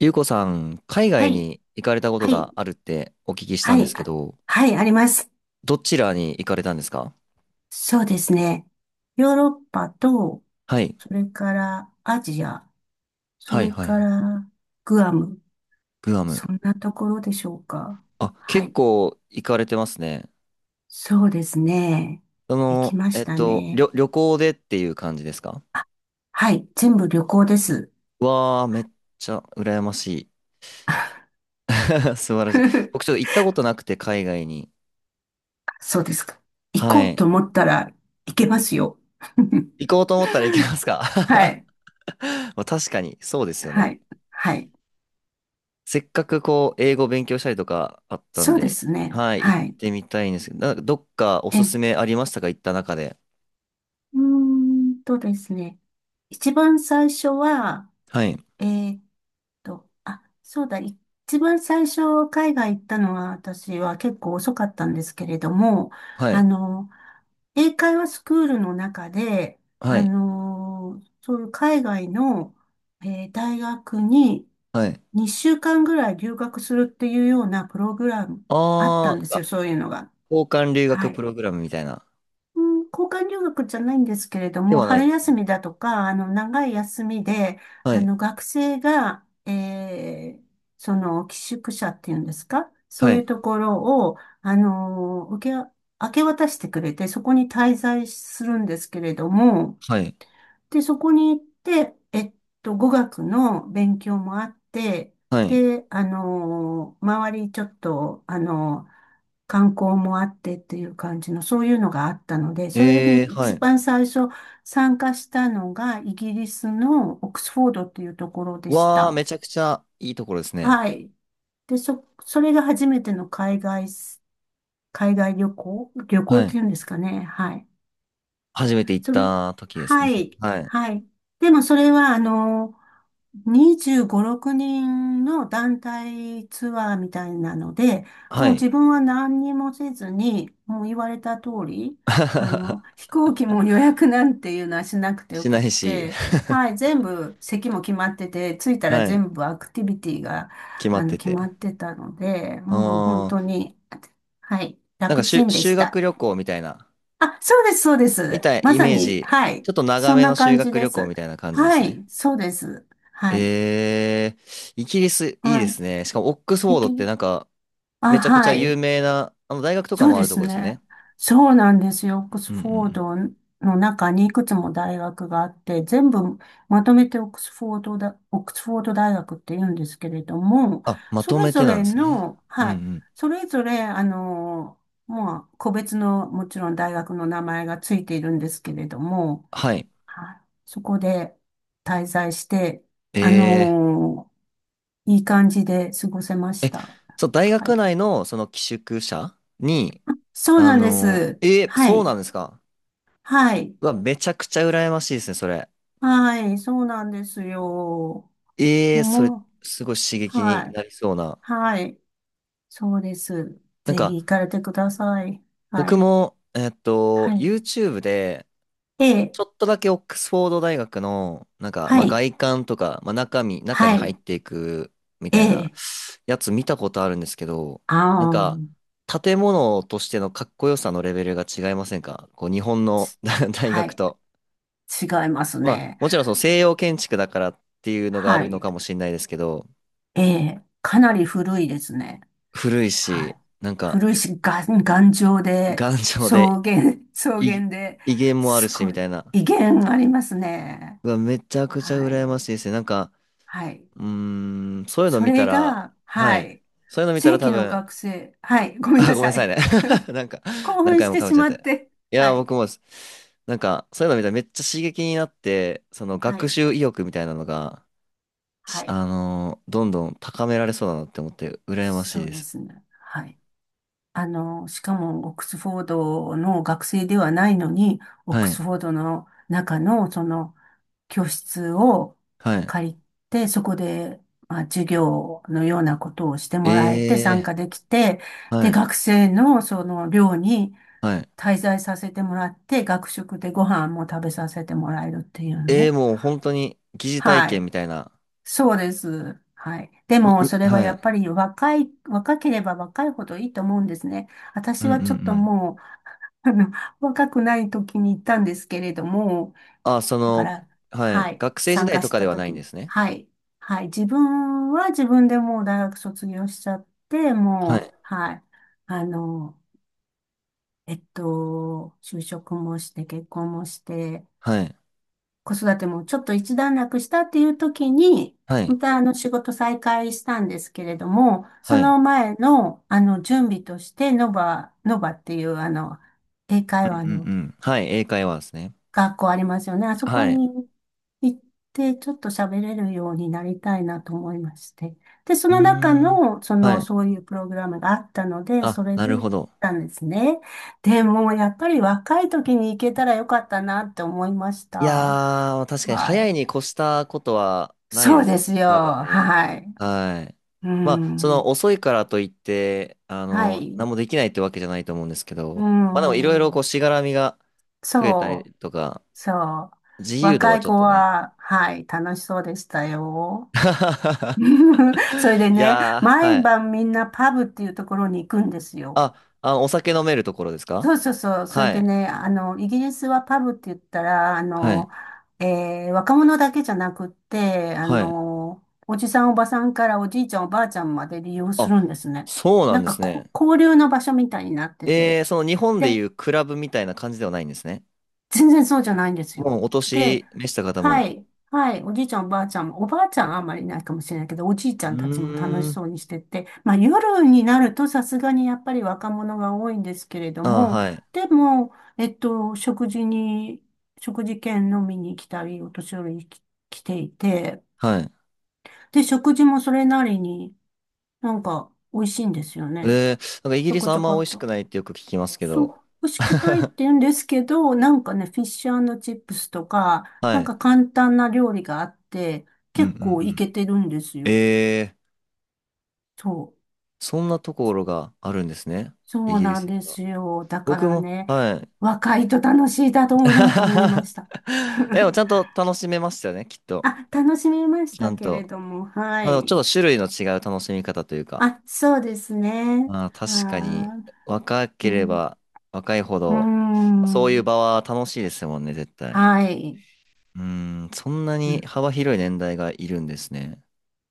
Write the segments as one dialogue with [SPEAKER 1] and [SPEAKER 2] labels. [SPEAKER 1] ゆうこさん、海
[SPEAKER 2] は
[SPEAKER 1] 外
[SPEAKER 2] い、
[SPEAKER 1] に行かれたこと
[SPEAKER 2] はい、
[SPEAKER 1] があるってお聞きした
[SPEAKER 2] は
[SPEAKER 1] んで
[SPEAKER 2] い、
[SPEAKER 1] すけ
[SPEAKER 2] あ
[SPEAKER 1] ど、
[SPEAKER 2] はい、あります。
[SPEAKER 1] どちらに行かれたんですか？
[SPEAKER 2] そうですね。ヨーロッパと、
[SPEAKER 1] はい。
[SPEAKER 2] それからアジア、そ
[SPEAKER 1] はい
[SPEAKER 2] れ
[SPEAKER 1] はい
[SPEAKER 2] か
[SPEAKER 1] はい。
[SPEAKER 2] らグアム、
[SPEAKER 1] グアム。
[SPEAKER 2] そんなところでしょうか。
[SPEAKER 1] あ、
[SPEAKER 2] は
[SPEAKER 1] 結
[SPEAKER 2] い、
[SPEAKER 1] 構行かれてますね。
[SPEAKER 2] そうですね。
[SPEAKER 1] そ
[SPEAKER 2] 行き
[SPEAKER 1] の、
[SPEAKER 2] ましたね。
[SPEAKER 1] 旅行でっていう感じですか？
[SPEAKER 2] はい、全部旅行です。
[SPEAKER 1] わー、めっちゃ羨ましい。素晴らしい。僕ち ょっと行ったことなくて、海外に。
[SPEAKER 2] そうですか。行こ
[SPEAKER 1] は
[SPEAKER 2] う
[SPEAKER 1] い。
[SPEAKER 2] と思ったら行けますよ。
[SPEAKER 1] 行 こうと思ったら行けますか？
[SPEAKER 2] は い、
[SPEAKER 1] まあ確かに、そうですよ
[SPEAKER 2] は
[SPEAKER 1] ね。
[SPEAKER 2] い、はい。
[SPEAKER 1] せっかくこう、英語勉強したりとかあったん
[SPEAKER 2] そうで
[SPEAKER 1] で、
[SPEAKER 2] すね。
[SPEAKER 1] はい、行っ
[SPEAKER 2] はい。
[SPEAKER 1] てみたいんですけど、なんかどっかおす
[SPEAKER 2] え
[SPEAKER 1] すめありましたか行った中で？
[SPEAKER 2] うーんとですね。一番最初は、
[SPEAKER 1] はい、
[SPEAKER 2] えーっあ、そうだ、一番最初海外行ったのは私は結構遅かったんですけれども、
[SPEAKER 1] は
[SPEAKER 2] あ
[SPEAKER 1] い、
[SPEAKER 2] の、英会話スクールの中で、
[SPEAKER 1] はい、
[SPEAKER 2] そういう海外の、大学に
[SPEAKER 1] はい。
[SPEAKER 2] 2週間ぐらい留学するっていうようなプログラムあった
[SPEAKER 1] あ
[SPEAKER 2] んで
[SPEAKER 1] ー、
[SPEAKER 2] す
[SPEAKER 1] あ
[SPEAKER 2] よ、そういうのが。
[SPEAKER 1] 交換留
[SPEAKER 2] は
[SPEAKER 1] 学プ
[SPEAKER 2] い。
[SPEAKER 1] ログラムみたいな。
[SPEAKER 2] うん、交換留学じゃないんですけれど
[SPEAKER 1] で
[SPEAKER 2] も、
[SPEAKER 1] はないん
[SPEAKER 2] 春
[SPEAKER 1] です
[SPEAKER 2] 休
[SPEAKER 1] ね。
[SPEAKER 2] みだとか、長い休みで、
[SPEAKER 1] はい、
[SPEAKER 2] 学生が、その、寄宿舎っていうんですかそ
[SPEAKER 1] は
[SPEAKER 2] ういう
[SPEAKER 1] い、
[SPEAKER 2] ところを、明け渡してくれて、そこに滞在するんですけれども、
[SPEAKER 1] はい、
[SPEAKER 2] で、そこに行って、語学の勉強もあって、
[SPEAKER 1] はい。
[SPEAKER 2] で、周りちょっと、観光もあってっていう感じの、そういうのがあったので、それに
[SPEAKER 1] は
[SPEAKER 2] 一
[SPEAKER 1] い。
[SPEAKER 2] 番最初参加したのが、イギリスのオックスフォードっていうところでし
[SPEAKER 1] わー、
[SPEAKER 2] た。
[SPEAKER 1] めちゃくちゃいいところですね。
[SPEAKER 2] はい。で、それが初めての海外旅行
[SPEAKER 1] は
[SPEAKER 2] っ
[SPEAKER 1] い。
[SPEAKER 2] ていうんですかね。はい。
[SPEAKER 1] 初めて行っ
[SPEAKER 2] それ、
[SPEAKER 1] た時ですね。
[SPEAKER 2] はい、
[SPEAKER 1] はい、
[SPEAKER 2] はい。でもそれは、25、6人の団体ツアーみたいなので、
[SPEAKER 1] は
[SPEAKER 2] もう
[SPEAKER 1] い。
[SPEAKER 2] 自分は何にもせずに、もう言われた通り、飛行機も予約なんていうのはしなくてよ
[SPEAKER 1] しな
[SPEAKER 2] くっ
[SPEAKER 1] いし、
[SPEAKER 2] て、はい、全部席も決まってて、着いたら
[SPEAKER 1] はい、
[SPEAKER 2] 全部アクティビティが、
[SPEAKER 1] 決まって
[SPEAKER 2] 決ま
[SPEAKER 1] て。
[SPEAKER 2] ってたので、もう本
[SPEAKER 1] あー、
[SPEAKER 2] 当に、はい、
[SPEAKER 1] なんか
[SPEAKER 2] 楽ちんで
[SPEAKER 1] 修
[SPEAKER 2] し
[SPEAKER 1] 学
[SPEAKER 2] た。
[SPEAKER 1] 旅行みたいな。
[SPEAKER 2] あ、そうです、そうで
[SPEAKER 1] み
[SPEAKER 2] す。
[SPEAKER 1] たい、
[SPEAKER 2] ま
[SPEAKER 1] イ
[SPEAKER 2] さ
[SPEAKER 1] メー
[SPEAKER 2] に、
[SPEAKER 1] ジ。
[SPEAKER 2] はい。
[SPEAKER 1] ちょっと長
[SPEAKER 2] そん
[SPEAKER 1] めの
[SPEAKER 2] な
[SPEAKER 1] 修
[SPEAKER 2] 感じ
[SPEAKER 1] 学
[SPEAKER 2] で
[SPEAKER 1] 旅行
[SPEAKER 2] す。
[SPEAKER 1] みたいな感じです
[SPEAKER 2] は
[SPEAKER 1] ね。
[SPEAKER 2] い、そうです。はい。
[SPEAKER 1] えイギリスいいです
[SPEAKER 2] は
[SPEAKER 1] ね。しかもオックスフ
[SPEAKER 2] い。
[SPEAKER 1] ォ
[SPEAKER 2] い
[SPEAKER 1] ード
[SPEAKER 2] け、
[SPEAKER 1] ってなんか、
[SPEAKER 2] あ、
[SPEAKER 1] めちゃくちゃ
[SPEAKER 2] は
[SPEAKER 1] 有
[SPEAKER 2] い。
[SPEAKER 1] 名な、あの大学とか
[SPEAKER 2] そう
[SPEAKER 1] もあ
[SPEAKER 2] で
[SPEAKER 1] ると
[SPEAKER 2] す
[SPEAKER 1] こですよ
[SPEAKER 2] ね。
[SPEAKER 1] ね。
[SPEAKER 2] そうなんですよ。オック
[SPEAKER 1] う
[SPEAKER 2] ス
[SPEAKER 1] んうんう
[SPEAKER 2] フォー
[SPEAKER 1] ん。
[SPEAKER 2] ドの中にいくつも大学があって、全部まとめてオックスフォードだ、オックスフォード大学って言うんですけれども、
[SPEAKER 1] あ、ま
[SPEAKER 2] そ
[SPEAKER 1] と
[SPEAKER 2] れ
[SPEAKER 1] め
[SPEAKER 2] ぞ
[SPEAKER 1] てなん
[SPEAKER 2] れ
[SPEAKER 1] ですね。
[SPEAKER 2] の、
[SPEAKER 1] うんう
[SPEAKER 2] はい。
[SPEAKER 1] ん。
[SPEAKER 2] それぞれ、まあ、個別の、もちろん大学の名前がついているんですけれども、
[SPEAKER 1] はい。
[SPEAKER 2] はい、そこで滞在して、あ
[SPEAKER 1] え
[SPEAKER 2] のいい感じで過ごせま
[SPEAKER 1] ー、
[SPEAKER 2] し
[SPEAKER 1] え、
[SPEAKER 2] た。
[SPEAKER 1] そう、大
[SPEAKER 2] は
[SPEAKER 1] 学
[SPEAKER 2] い。
[SPEAKER 1] 内のその寄宿舎に、
[SPEAKER 2] そうなんです。は
[SPEAKER 1] そうな
[SPEAKER 2] い。
[SPEAKER 1] んですか。
[SPEAKER 2] はい。
[SPEAKER 1] うわ、めちゃくちゃ羨ましいですね、それ。
[SPEAKER 2] はい。そうなんですよ。
[SPEAKER 1] それ、
[SPEAKER 2] も
[SPEAKER 1] すごい刺
[SPEAKER 2] う、
[SPEAKER 1] 激に
[SPEAKER 2] はい。
[SPEAKER 1] なりそうな。
[SPEAKER 2] はい。そうです。
[SPEAKER 1] なん
[SPEAKER 2] ぜひ
[SPEAKER 1] か、
[SPEAKER 2] 行かれてください。は
[SPEAKER 1] 僕
[SPEAKER 2] い。
[SPEAKER 1] も、
[SPEAKER 2] はい。
[SPEAKER 1] YouTube で、
[SPEAKER 2] え
[SPEAKER 1] ち
[SPEAKER 2] え。
[SPEAKER 1] ょっとだけオックスフォード大学の、なんか、
[SPEAKER 2] は
[SPEAKER 1] まあ、
[SPEAKER 2] い。
[SPEAKER 1] 外観とか、まあ、中身、中に
[SPEAKER 2] は
[SPEAKER 1] 入っ
[SPEAKER 2] い。
[SPEAKER 1] ていくみ
[SPEAKER 2] え
[SPEAKER 1] たいな
[SPEAKER 2] え。
[SPEAKER 1] やつ見たことあるんですけど、
[SPEAKER 2] あ
[SPEAKER 1] なんか、
[SPEAKER 2] あ。
[SPEAKER 1] 建物としてのかっこよさのレベルが違いませんかこう、日本の 大
[SPEAKER 2] は
[SPEAKER 1] 学
[SPEAKER 2] い。
[SPEAKER 1] と？
[SPEAKER 2] 違います
[SPEAKER 1] まあ、
[SPEAKER 2] ね。
[SPEAKER 1] もちろんその西洋建築だからっていうのがあ
[SPEAKER 2] は
[SPEAKER 1] るの
[SPEAKER 2] い。
[SPEAKER 1] かもしれないですけど、
[SPEAKER 2] ええ。かなり古いですね。
[SPEAKER 1] 古い
[SPEAKER 2] は
[SPEAKER 1] し、
[SPEAKER 2] い。
[SPEAKER 1] なんか、
[SPEAKER 2] 古いし、が頑丈で、
[SPEAKER 1] 頑丈で、
[SPEAKER 2] 草原、草
[SPEAKER 1] い
[SPEAKER 2] 原で、
[SPEAKER 1] 威厳もある
[SPEAKER 2] す
[SPEAKER 1] し、み
[SPEAKER 2] ご
[SPEAKER 1] た
[SPEAKER 2] い、
[SPEAKER 1] いな。
[SPEAKER 2] 威厳ありますね。
[SPEAKER 1] うわ、めちゃくちゃ
[SPEAKER 2] は
[SPEAKER 1] 羨ま
[SPEAKER 2] い。
[SPEAKER 1] しいですね。なんか、
[SPEAKER 2] はい。
[SPEAKER 1] そういうの
[SPEAKER 2] そ
[SPEAKER 1] 見た
[SPEAKER 2] れ
[SPEAKER 1] ら、
[SPEAKER 2] が、
[SPEAKER 1] は
[SPEAKER 2] は
[SPEAKER 1] い。
[SPEAKER 2] い。
[SPEAKER 1] そういうの見た
[SPEAKER 2] 正
[SPEAKER 1] ら多
[SPEAKER 2] 規の
[SPEAKER 1] 分、
[SPEAKER 2] 学生。はい。ごめん
[SPEAKER 1] あ、
[SPEAKER 2] な
[SPEAKER 1] ごめんな
[SPEAKER 2] さ
[SPEAKER 1] さい
[SPEAKER 2] い。
[SPEAKER 1] ね。なんか、
[SPEAKER 2] 興
[SPEAKER 1] 何
[SPEAKER 2] 奮
[SPEAKER 1] 回
[SPEAKER 2] し
[SPEAKER 1] も
[SPEAKER 2] て
[SPEAKER 1] かぶっ
[SPEAKER 2] し
[SPEAKER 1] ちゃっ
[SPEAKER 2] まっ
[SPEAKER 1] て。
[SPEAKER 2] て。
[SPEAKER 1] い
[SPEAKER 2] は
[SPEAKER 1] や、
[SPEAKER 2] い。
[SPEAKER 1] 僕もです、なんか、そういうの見たらめっちゃ刺激になって、その
[SPEAKER 2] は
[SPEAKER 1] 学
[SPEAKER 2] い。
[SPEAKER 1] 習意欲みたいなのが、し
[SPEAKER 2] はい。
[SPEAKER 1] あのーどんどん高められそうだなって思って、羨まし
[SPEAKER 2] そ
[SPEAKER 1] い
[SPEAKER 2] う
[SPEAKER 1] で
[SPEAKER 2] で
[SPEAKER 1] す。
[SPEAKER 2] すね。はい。しかもオックスフォードの学生ではないのに、オッ
[SPEAKER 1] は
[SPEAKER 2] ク
[SPEAKER 1] い。
[SPEAKER 2] スフォードの中のその教室を
[SPEAKER 1] はい。
[SPEAKER 2] 借りて、そこで、まあ、授業のようなことをしてもらえて参加
[SPEAKER 1] え
[SPEAKER 2] できて、
[SPEAKER 1] は
[SPEAKER 2] で、
[SPEAKER 1] い。
[SPEAKER 2] 学生のその寮に
[SPEAKER 1] はい。
[SPEAKER 2] 滞在させてもらって、学食でご飯も食べさせてもらえるっていうの。
[SPEAKER 1] もう本当に疑似体
[SPEAKER 2] は
[SPEAKER 1] 験
[SPEAKER 2] い。
[SPEAKER 1] みたいな。
[SPEAKER 2] そうです。はい。で
[SPEAKER 1] に、
[SPEAKER 2] も、
[SPEAKER 1] に、
[SPEAKER 2] それは
[SPEAKER 1] は
[SPEAKER 2] やっ
[SPEAKER 1] い。
[SPEAKER 2] ぱり若ければ若いほどいいと思うんですね。
[SPEAKER 1] う
[SPEAKER 2] 私
[SPEAKER 1] んう
[SPEAKER 2] は
[SPEAKER 1] ん
[SPEAKER 2] ち
[SPEAKER 1] う
[SPEAKER 2] ょっと
[SPEAKER 1] ん。
[SPEAKER 2] もう、あの若くない時に行ったんですけれども、
[SPEAKER 1] あ、そ
[SPEAKER 2] だか
[SPEAKER 1] の、
[SPEAKER 2] ら、
[SPEAKER 1] は
[SPEAKER 2] は
[SPEAKER 1] い。
[SPEAKER 2] い、
[SPEAKER 1] 学生時
[SPEAKER 2] 参
[SPEAKER 1] 代
[SPEAKER 2] 加
[SPEAKER 1] と
[SPEAKER 2] し
[SPEAKER 1] かで
[SPEAKER 2] た
[SPEAKER 1] はない
[SPEAKER 2] 時
[SPEAKER 1] んで
[SPEAKER 2] に、
[SPEAKER 1] すね。
[SPEAKER 2] はい、はい、自分は自分でもう大学卒業しちゃって、
[SPEAKER 1] は
[SPEAKER 2] もう、
[SPEAKER 1] い。
[SPEAKER 2] はい、あの、就職もして、結婚もして、
[SPEAKER 1] はい。
[SPEAKER 2] 子育てもちょっと一段落したっていう時に、
[SPEAKER 1] は
[SPEAKER 2] ま
[SPEAKER 1] い。
[SPEAKER 2] た仕事再開したんですけれども、そ
[SPEAKER 1] はい。
[SPEAKER 2] の前の準備として、ノバっていう英会
[SPEAKER 1] うん
[SPEAKER 2] 話
[SPEAKER 1] うん
[SPEAKER 2] の
[SPEAKER 1] うん。はい。英会話ですね。
[SPEAKER 2] 学校ありますよね。あそこ
[SPEAKER 1] はい。
[SPEAKER 2] に行って、ちょっと喋れるようになりたいなと思いまして。で、そ
[SPEAKER 1] うー
[SPEAKER 2] の中
[SPEAKER 1] ん。
[SPEAKER 2] の、そ
[SPEAKER 1] は
[SPEAKER 2] の、
[SPEAKER 1] い。
[SPEAKER 2] そういうプログラムがあったので、
[SPEAKER 1] あ、
[SPEAKER 2] それ
[SPEAKER 1] な
[SPEAKER 2] で
[SPEAKER 1] る
[SPEAKER 2] 行
[SPEAKER 1] ほ
[SPEAKER 2] っ
[SPEAKER 1] ど。
[SPEAKER 2] たんですね。でも、やっぱり若い時に行けたらよかったなって思いまし
[SPEAKER 1] い
[SPEAKER 2] た。
[SPEAKER 1] やー、確かに
[SPEAKER 2] は
[SPEAKER 1] 早い
[SPEAKER 2] い。
[SPEAKER 1] に越したことはないで
[SPEAKER 2] そう
[SPEAKER 1] す
[SPEAKER 2] で
[SPEAKER 1] よ
[SPEAKER 2] す
[SPEAKER 1] ね。
[SPEAKER 2] よ。
[SPEAKER 1] 多分ね。
[SPEAKER 2] はい。
[SPEAKER 1] はい。
[SPEAKER 2] う
[SPEAKER 1] まあ、その
[SPEAKER 2] ん。
[SPEAKER 1] 遅いからといって、あ
[SPEAKER 2] は
[SPEAKER 1] の、
[SPEAKER 2] い。
[SPEAKER 1] 何もできないってわけじゃないと思うんですけ
[SPEAKER 2] う
[SPEAKER 1] ど、まあでもいろいろこう
[SPEAKER 2] ん。
[SPEAKER 1] しがらみが増えた
[SPEAKER 2] そう。
[SPEAKER 1] りとか、
[SPEAKER 2] そう。
[SPEAKER 1] 自由度
[SPEAKER 2] 若
[SPEAKER 1] が
[SPEAKER 2] い
[SPEAKER 1] ちょっ
[SPEAKER 2] 子
[SPEAKER 1] とね。
[SPEAKER 2] は、はい、楽しそうでしたよ。それで
[SPEAKER 1] い
[SPEAKER 2] ね、
[SPEAKER 1] やー、
[SPEAKER 2] 毎
[SPEAKER 1] はい。
[SPEAKER 2] 晩みんなパブっていうところに行くんですよ。
[SPEAKER 1] あ、お酒飲めるところですか？
[SPEAKER 2] そうそうそう。それ
[SPEAKER 1] は
[SPEAKER 2] で
[SPEAKER 1] い。
[SPEAKER 2] ね、イギリスはパブって言ったら、
[SPEAKER 1] はい。
[SPEAKER 2] 若者だけじゃなくって、
[SPEAKER 1] はい。
[SPEAKER 2] おじさんおばさんからおじいちゃんおばあちゃんまで利用す
[SPEAKER 1] あ、
[SPEAKER 2] るんですね。
[SPEAKER 1] そうな
[SPEAKER 2] な
[SPEAKER 1] ん
[SPEAKER 2] ん
[SPEAKER 1] で
[SPEAKER 2] か
[SPEAKER 1] す
[SPEAKER 2] こ、
[SPEAKER 1] ね。
[SPEAKER 2] 交流の場所みたいになってて。
[SPEAKER 1] その日本でいうクラブみたいな感じではないんですね。
[SPEAKER 2] 全然そうじゃないんですよ。
[SPEAKER 1] もうお
[SPEAKER 2] で、
[SPEAKER 1] 年召した方
[SPEAKER 2] は
[SPEAKER 1] も。
[SPEAKER 2] い、はい、おじいちゃん、おばあちゃんも、おばあちゃんはあんまりいないかもしれないけど、おじいち
[SPEAKER 1] う
[SPEAKER 2] ゃんたちも楽
[SPEAKER 1] ー
[SPEAKER 2] し
[SPEAKER 1] ん。
[SPEAKER 2] そうにしてて、まあ夜になるとさすがにやっぱり若者が多いんですけれど
[SPEAKER 1] ああ、
[SPEAKER 2] も、
[SPEAKER 1] はい。
[SPEAKER 2] でも、食事券飲みに来たり、お年寄りに来ていて、
[SPEAKER 1] はい。
[SPEAKER 2] で、食事もそれなりになんか美味しいんですよね。
[SPEAKER 1] なんかイギ
[SPEAKER 2] ちょ
[SPEAKER 1] リス
[SPEAKER 2] こ
[SPEAKER 1] あ
[SPEAKER 2] ち
[SPEAKER 1] ん
[SPEAKER 2] ょ
[SPEAKER 1] ま
[SPEAKER 2] こ
[SPEAKER 1] 美味
[SPEAKER 2] っ
[SPEAKER 1] し
[SPEAKER 2] と。
[SPEAKER 1] くないってよく聞きますけ
[SPEAKER 2] そう、
[SPEAKER 1] ど。
[SPEAKER 2] 欲しくないって 言うんですけど、なんかね、フィッシュチップスとか、
[SPEAKER 1] は
[SPEAKER 2] なん
[SPEAKER 1] い。
[SPEAKER 2] か簡単な料理があって、
[SPEAKER 1] うんう
[SPEAKER 2] 結
[SPEAKER 1] ん
[SPEAKER 2] 構い
[SPEAKER 1] うん。
[SPEAKER 2] けてるんですよ。
[SPEAKER 1] えー、
[SPEAKER 2] そう。
[SPEAKER 1] そんなところがあるんですね。イ
[SPEAKER 2] そう
[SPEAKER 1] ギリ
[SPEAKER 2] な
[SPEAKER 1] ス
[SPEAKER 2] ん
[SPEAKER 1] に
[SPEAKER 2] で
[SPEAKER 1] は。
[SPEAKER 2] すよ。だか
[SPEAKER 1] 僕
[SPEAKER 2] ら
[SPEAKER 1] も、
[SPEAKER 2] ね、
[SPEAKER 1] はい。
[SPEAKER 2] 若いと楽しいだろうなと思いま した。
[SPEAKER 1] でも ちゃんと楽しめましたよね、きっと。
[SPEAKER 2] あ、楽しみまし
[SPEAKER 1] ちゃ
[SPEAKER 2] た
[SPEAKER 1] ん
[SPEAKER 2] けれ
[SPEAKER 1] と。
[SPEAKER 2] ども、は
[SPEAKER 1] まあの、ちょ
[SPEAKER 2] い。
[SPEAKER 1] っと種類の違う楽しみ方というか。
[SPEAKER 2] あ、そうですね。
[SPEAKER 1] まあ確かに、
[SPEAKER 2] は
[SPEAKER 1] 若
[SPEAKER 2] ー
[SPEAKER 1] け
[SPEAKER 2] い。う
[SPEAKER 1] れ
[SPEAKER 2] ん。
[SPEAKER 1] ば若いほ
[SPEAKER 2] うー
[SPEAKER 1] ど、そういう
[SPEAKER 2] ん、
[SPEAKER 1] 場は楽しいですもんね、絶対。
[SPEAKER 2] はい。
[SPEAKER 1] うん、そんな
[SPEAKER 2] う
[SPEAKER 1] に
[SPEAKER 2] ん、
[SPEAKER 1] 幅広い年代がいるんですね。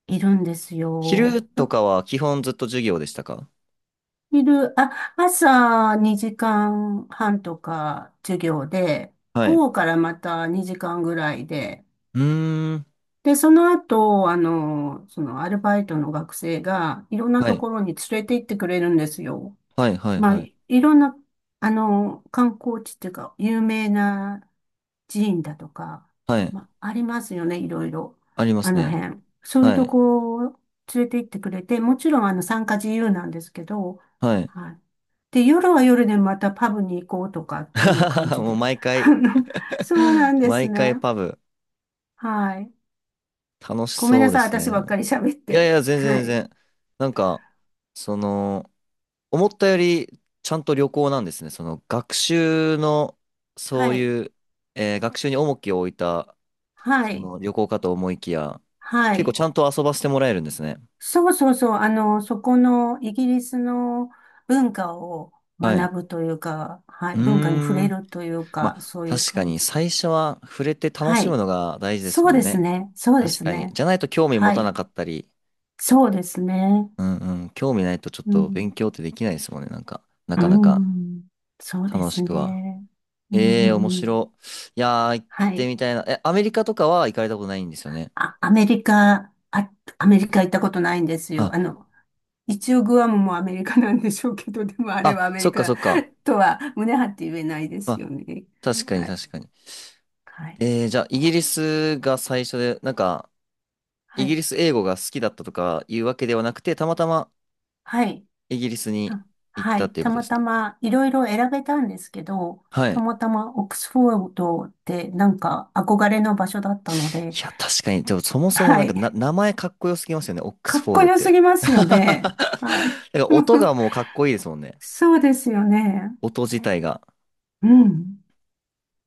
[SPEAKER 2] いるんです
[SPEAKER 1] 昼
[SPEAKER 2] よ。
[SPEAKER 1] とかは基本ずっと授業でしたか？
[SPEAKER 2] 昼、あ、朝2時間半とか授業で、
[SPEAKER 1] はい。う
[SPEAKER 2] 午後からまた2時間ぐらいで、
[SPEAKER 1] ーん。
[SPEAKER 2] で、その後、そのアルバイトの学生がいろんな
[SPEAKER 1] は
[SPEAKER 2] と
[SPEAKER 1] い。
[SPEAKER 2] ころに連れて行ってくれるんですよ。
[SPEAKER 1] はい、はい、
[SPEAKER 2] まあ、
[SPEAKER 1] はい。
[SPEAKER 2] いいろんな、あの、観光地っていうか、有名な寺院だとか、
[SPEAKER 1] はい。
[SPEAKER 2] まあ、ありますよね、いろいろ。
[SPEAKER 1] ありま
[SPEAKER 2] あ
[SPEAKER 1] す
[SPEAKER 2] の
[SPEAKER 1] ね。
[SPEAKER 2] 辺。そういう
[SPEAKER 1] は
[SPEAKER 2] と
[SPEAKER 1] い。
[SPEAKER 2] こを連れて行ってくれて、もちろん、参加自由なんですけど、
[SPEAKER 1] はい。
[SPEAKER 2] はい。で、夜は夜でまたパブに行こうとかっていう感 じ
[SPEAKER 1] もう
[SPEAKER 2] で。
[SPEAKER 1] 毎
[SPEAKER 2] あ
[SPEAKER 1] 回
[SPEAKER 2] のそうな んです
[SPEAKER 1] 毎回
[SPEAKER 2] ね。
[SPEAKER 1] パブ、
[SPEAKER 2] はい。
[SPEAKER 1] 楽し
[SPEAKER 2] ごめん
[SPEAKER 1] そ
[SPEAKER 2] な
[SPEAKER 1] うで
[SPEAKER 2] さい、
[SPEAKER 1] す
[SPEAKER 2] 私ば
[SPEAKER 1] ね。
[SPEAKER 2] っかり喋っ
[SPEAKER 1] いやい
[SPEAKER 2] て。
[SPEAKER 1] や、全
[SPEAKER 2] は
[SPEAKER 1] 然
[SPEAKER 2] い。
[SPEAKER 1] 全然。なんか、その、思ったよりちゃんと旅行なんですね。その学習の、
[SPEAKER 2] は
[SPEAKER 1] そう
[SPEAKER 2] い。
[SPEAKER 1] いう、学習に重きを置いた、
[SPEAKER 2] は
[SPEAKER 1] そ
[SPEAKER 2] い。
[SPEAKER 1] の旅行かと思いきや、
[SPEAKER 2] は
[SPEAKER 1] 結構
[SPEAKER 2] い。
[SPEAKER 1] ちゃんと遊ばせてもらえるんですね。
[SPEAKER 2] そうそうそう、そこのイギリスの文化を
[SPEAKER 1] はい。う
[SPEAKER 2] 学ぶというか、はい、
[SPEAKER 1] ー
[SPEAKER 2] 文化に触れ
[SPEAKER 1] ん。
[SPEAKER 2] るという
[SPEAKER 1] ま
[SPEAKER 2] か、
[SPEAKER 1] あ、
[SPEAKER 2] そういう
[SPEAKER 1] 確か
[SPEAKER 2] 感
[SPEAKER 1] に
[SPEAKER 2] じで。
[SPEAKER 1] 最初は触れて楽
[SPEAKER 2] は
[SPEAKER 1] しむ
[SPEAKER 2] い。
[SPEAKER 1] のが大事です
[SPEAKER 2] そう
[SPEAKER 1] もん
[SPEAKER 2] です
[SPEAKER 1] ね。
[SPEAKER 2] ね。そうで
[SPEAKER 1] 確
[SPEAKER 2] す
[SPEAKER 1] かに。
[SPEAKER 2] ね。
[SPEAKER 1] じゃないと興味持
[SPEAKER 2] は
[SPEAKER 1] たな
[SPEAKER 2] い。
[SPEAKER 1] かったり、
[SPEAKER 2] そうですね。
[SPEAKER 1] うんうん、興味ないとちょっ
[SPEAKER 2] う
[SPEAKER 1] と
[SPEAKER 2] ん。
[SPEAKER 1] 勉強ってできないですもんね。なんか、な
[SPEAKER 2] う
[SPEAKER 1] かなか
[SPEAKER 2] ん。そうで
[SPEAKER 1] 楽し
[SPEAKER 2] す
[SPEAKER 1] くは。
[SPEAKER 2] ね。う
[SPEAKER 1] ええ、面
[SPEAKER 2] ん。
[SPEAKER 1] 白。いやー、行っ
[SPEAKER 2] は
[SPEAKER 1] て
[SPEAKER 2] い。
[SPEAKER 1] みたいな。え、アメリカとかは行かれたことないんですよね。
[SPEAKER 2] あ、アメリカ行ったことないんですよ。
[SPEAKER 1] あ、
[SPEAKER 2] 一応グアムもアメリカなんでしょうけど、でもあれはアメ
[SPEAKER 1] そ
[SPEAKER 2] リ
[SPEAKER 1] っかそ
[SPEAKER 2] カ
[SPEAKER 1] っか。
[SPEAKER 2] とは胸張って言えないで
[SPEAKER 1] ま
[SPEAKER 2] す
[SPEAKER 1] あ、
[SPEAKER 2] よね。
[SPEAKER 1] 確かに
[SPEAKER 2] はい。
[SPEAKER 1] 確かに。
[SPEAKER 2] はい。
[SPEAKER 1] じゃあ、イギリスが最初で、なんか、イ
[SPEAKER 2] は
[SPEAKER 1] ギ
[SPEAKER 2] い。
[SPEAKER 1] リス英語が好きだったとかいうわけではなくて、たまたま
[SPEAKER 2] はい。
[SPEAKER 1] イギリスに
[SPEAKER 2] た
[SPEAKER 1] 行っ
[SPEAKER 2] は
[SPEAKER 1] たっ
[SPEAKER 2] い。
[SPEAKER 1] ていう
[SPEAKER 2] た
[SPEAKER 1] ことで
[SPEAKER 2] ま
[SPEAKER 1] す
[SPEAKER 2] た
[SPEAKER 1] ね。
[SPEAKER 2] まいろいろ選べたんですけど、
[SPEAKER 1] は
[SPEAKER 2] た
[SPEAKER 1] い。
[SPEAKER 2] またまオックスフォードってなんか憧れの場所だったので、
[SPEAKER 1] いや、確かに。でも、そもそも
[SPEAKER 2] は
[SPEAKER 1] なんかな、
[SPEAKER 2] い。
[SPEAKER 1] 名前かっこよすぎますよね。オック
[SPEAKER 2] か
[SPEAKER 1] ス
[SPEAKER 2] っ
[SPEAKER 1] フォー
[SPEAKER 2] こ
[SPEAKER 1] ドっ
[SPEAKER 2] よす
[SPEAKER 1] て。
[SPEAKER 2] ぎま すよね。はい。
[SPEAKER 1] なんか、音が もうかっこいいですもんね。
[SPEAKER 2] そうですよね。
[SPEAKER 1] 音自体が。
[SPEAKER 2] うん。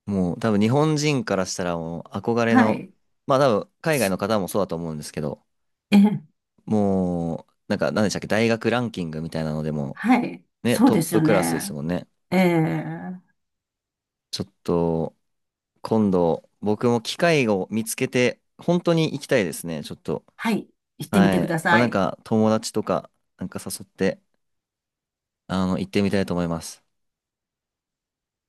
[SPEAKER 1] もう多分日本人からしたらもう憧れ
[SPEAKER 2] は
[SPEAKER 1] の、
[SPEAKER 2] い。
[SPEAKER 1] まあ多分海外
[SPEAKER 2] す
[SPEAKER 1] の方もそうだと思うんですけど、
[SPEAKER 2] ええ、
[SPEAKER 1] もうなんか何でしたっけ、大学ランキングみたいなのでも
[SPEAKER 2] はい。
[SPEAKER 1] ね、
[SPEAKER 2] そう
[SPEAKER 1] トッ
[SPEAKER 2] です
[SPEAKER 1] プ
[SPEAKER 2] よ
[SPEAKER 1] クラスです
[SPEAKER 2] ね。
[SPEAKER 1] もんね。
[SPEAKER 2] ええ、
[SPEAKER 1] ちょっと今度僕も機会を見つけて本当に行きたいですね、ちょっと。
[SPEAKER 2] はい、行ってみ
[SPEAKER 1] は
[SPEAKER 2] てく
[SPEAKER 1] い。
[SPEAKER 2] だ
[SPEAKER 1] まあ
[SPEAKER 2] さ
[SPEAKER 1] なん
[SPEAKER 2] い。
[SPEAKER 1] か友達とかなんか誘って行ってみたいと思います。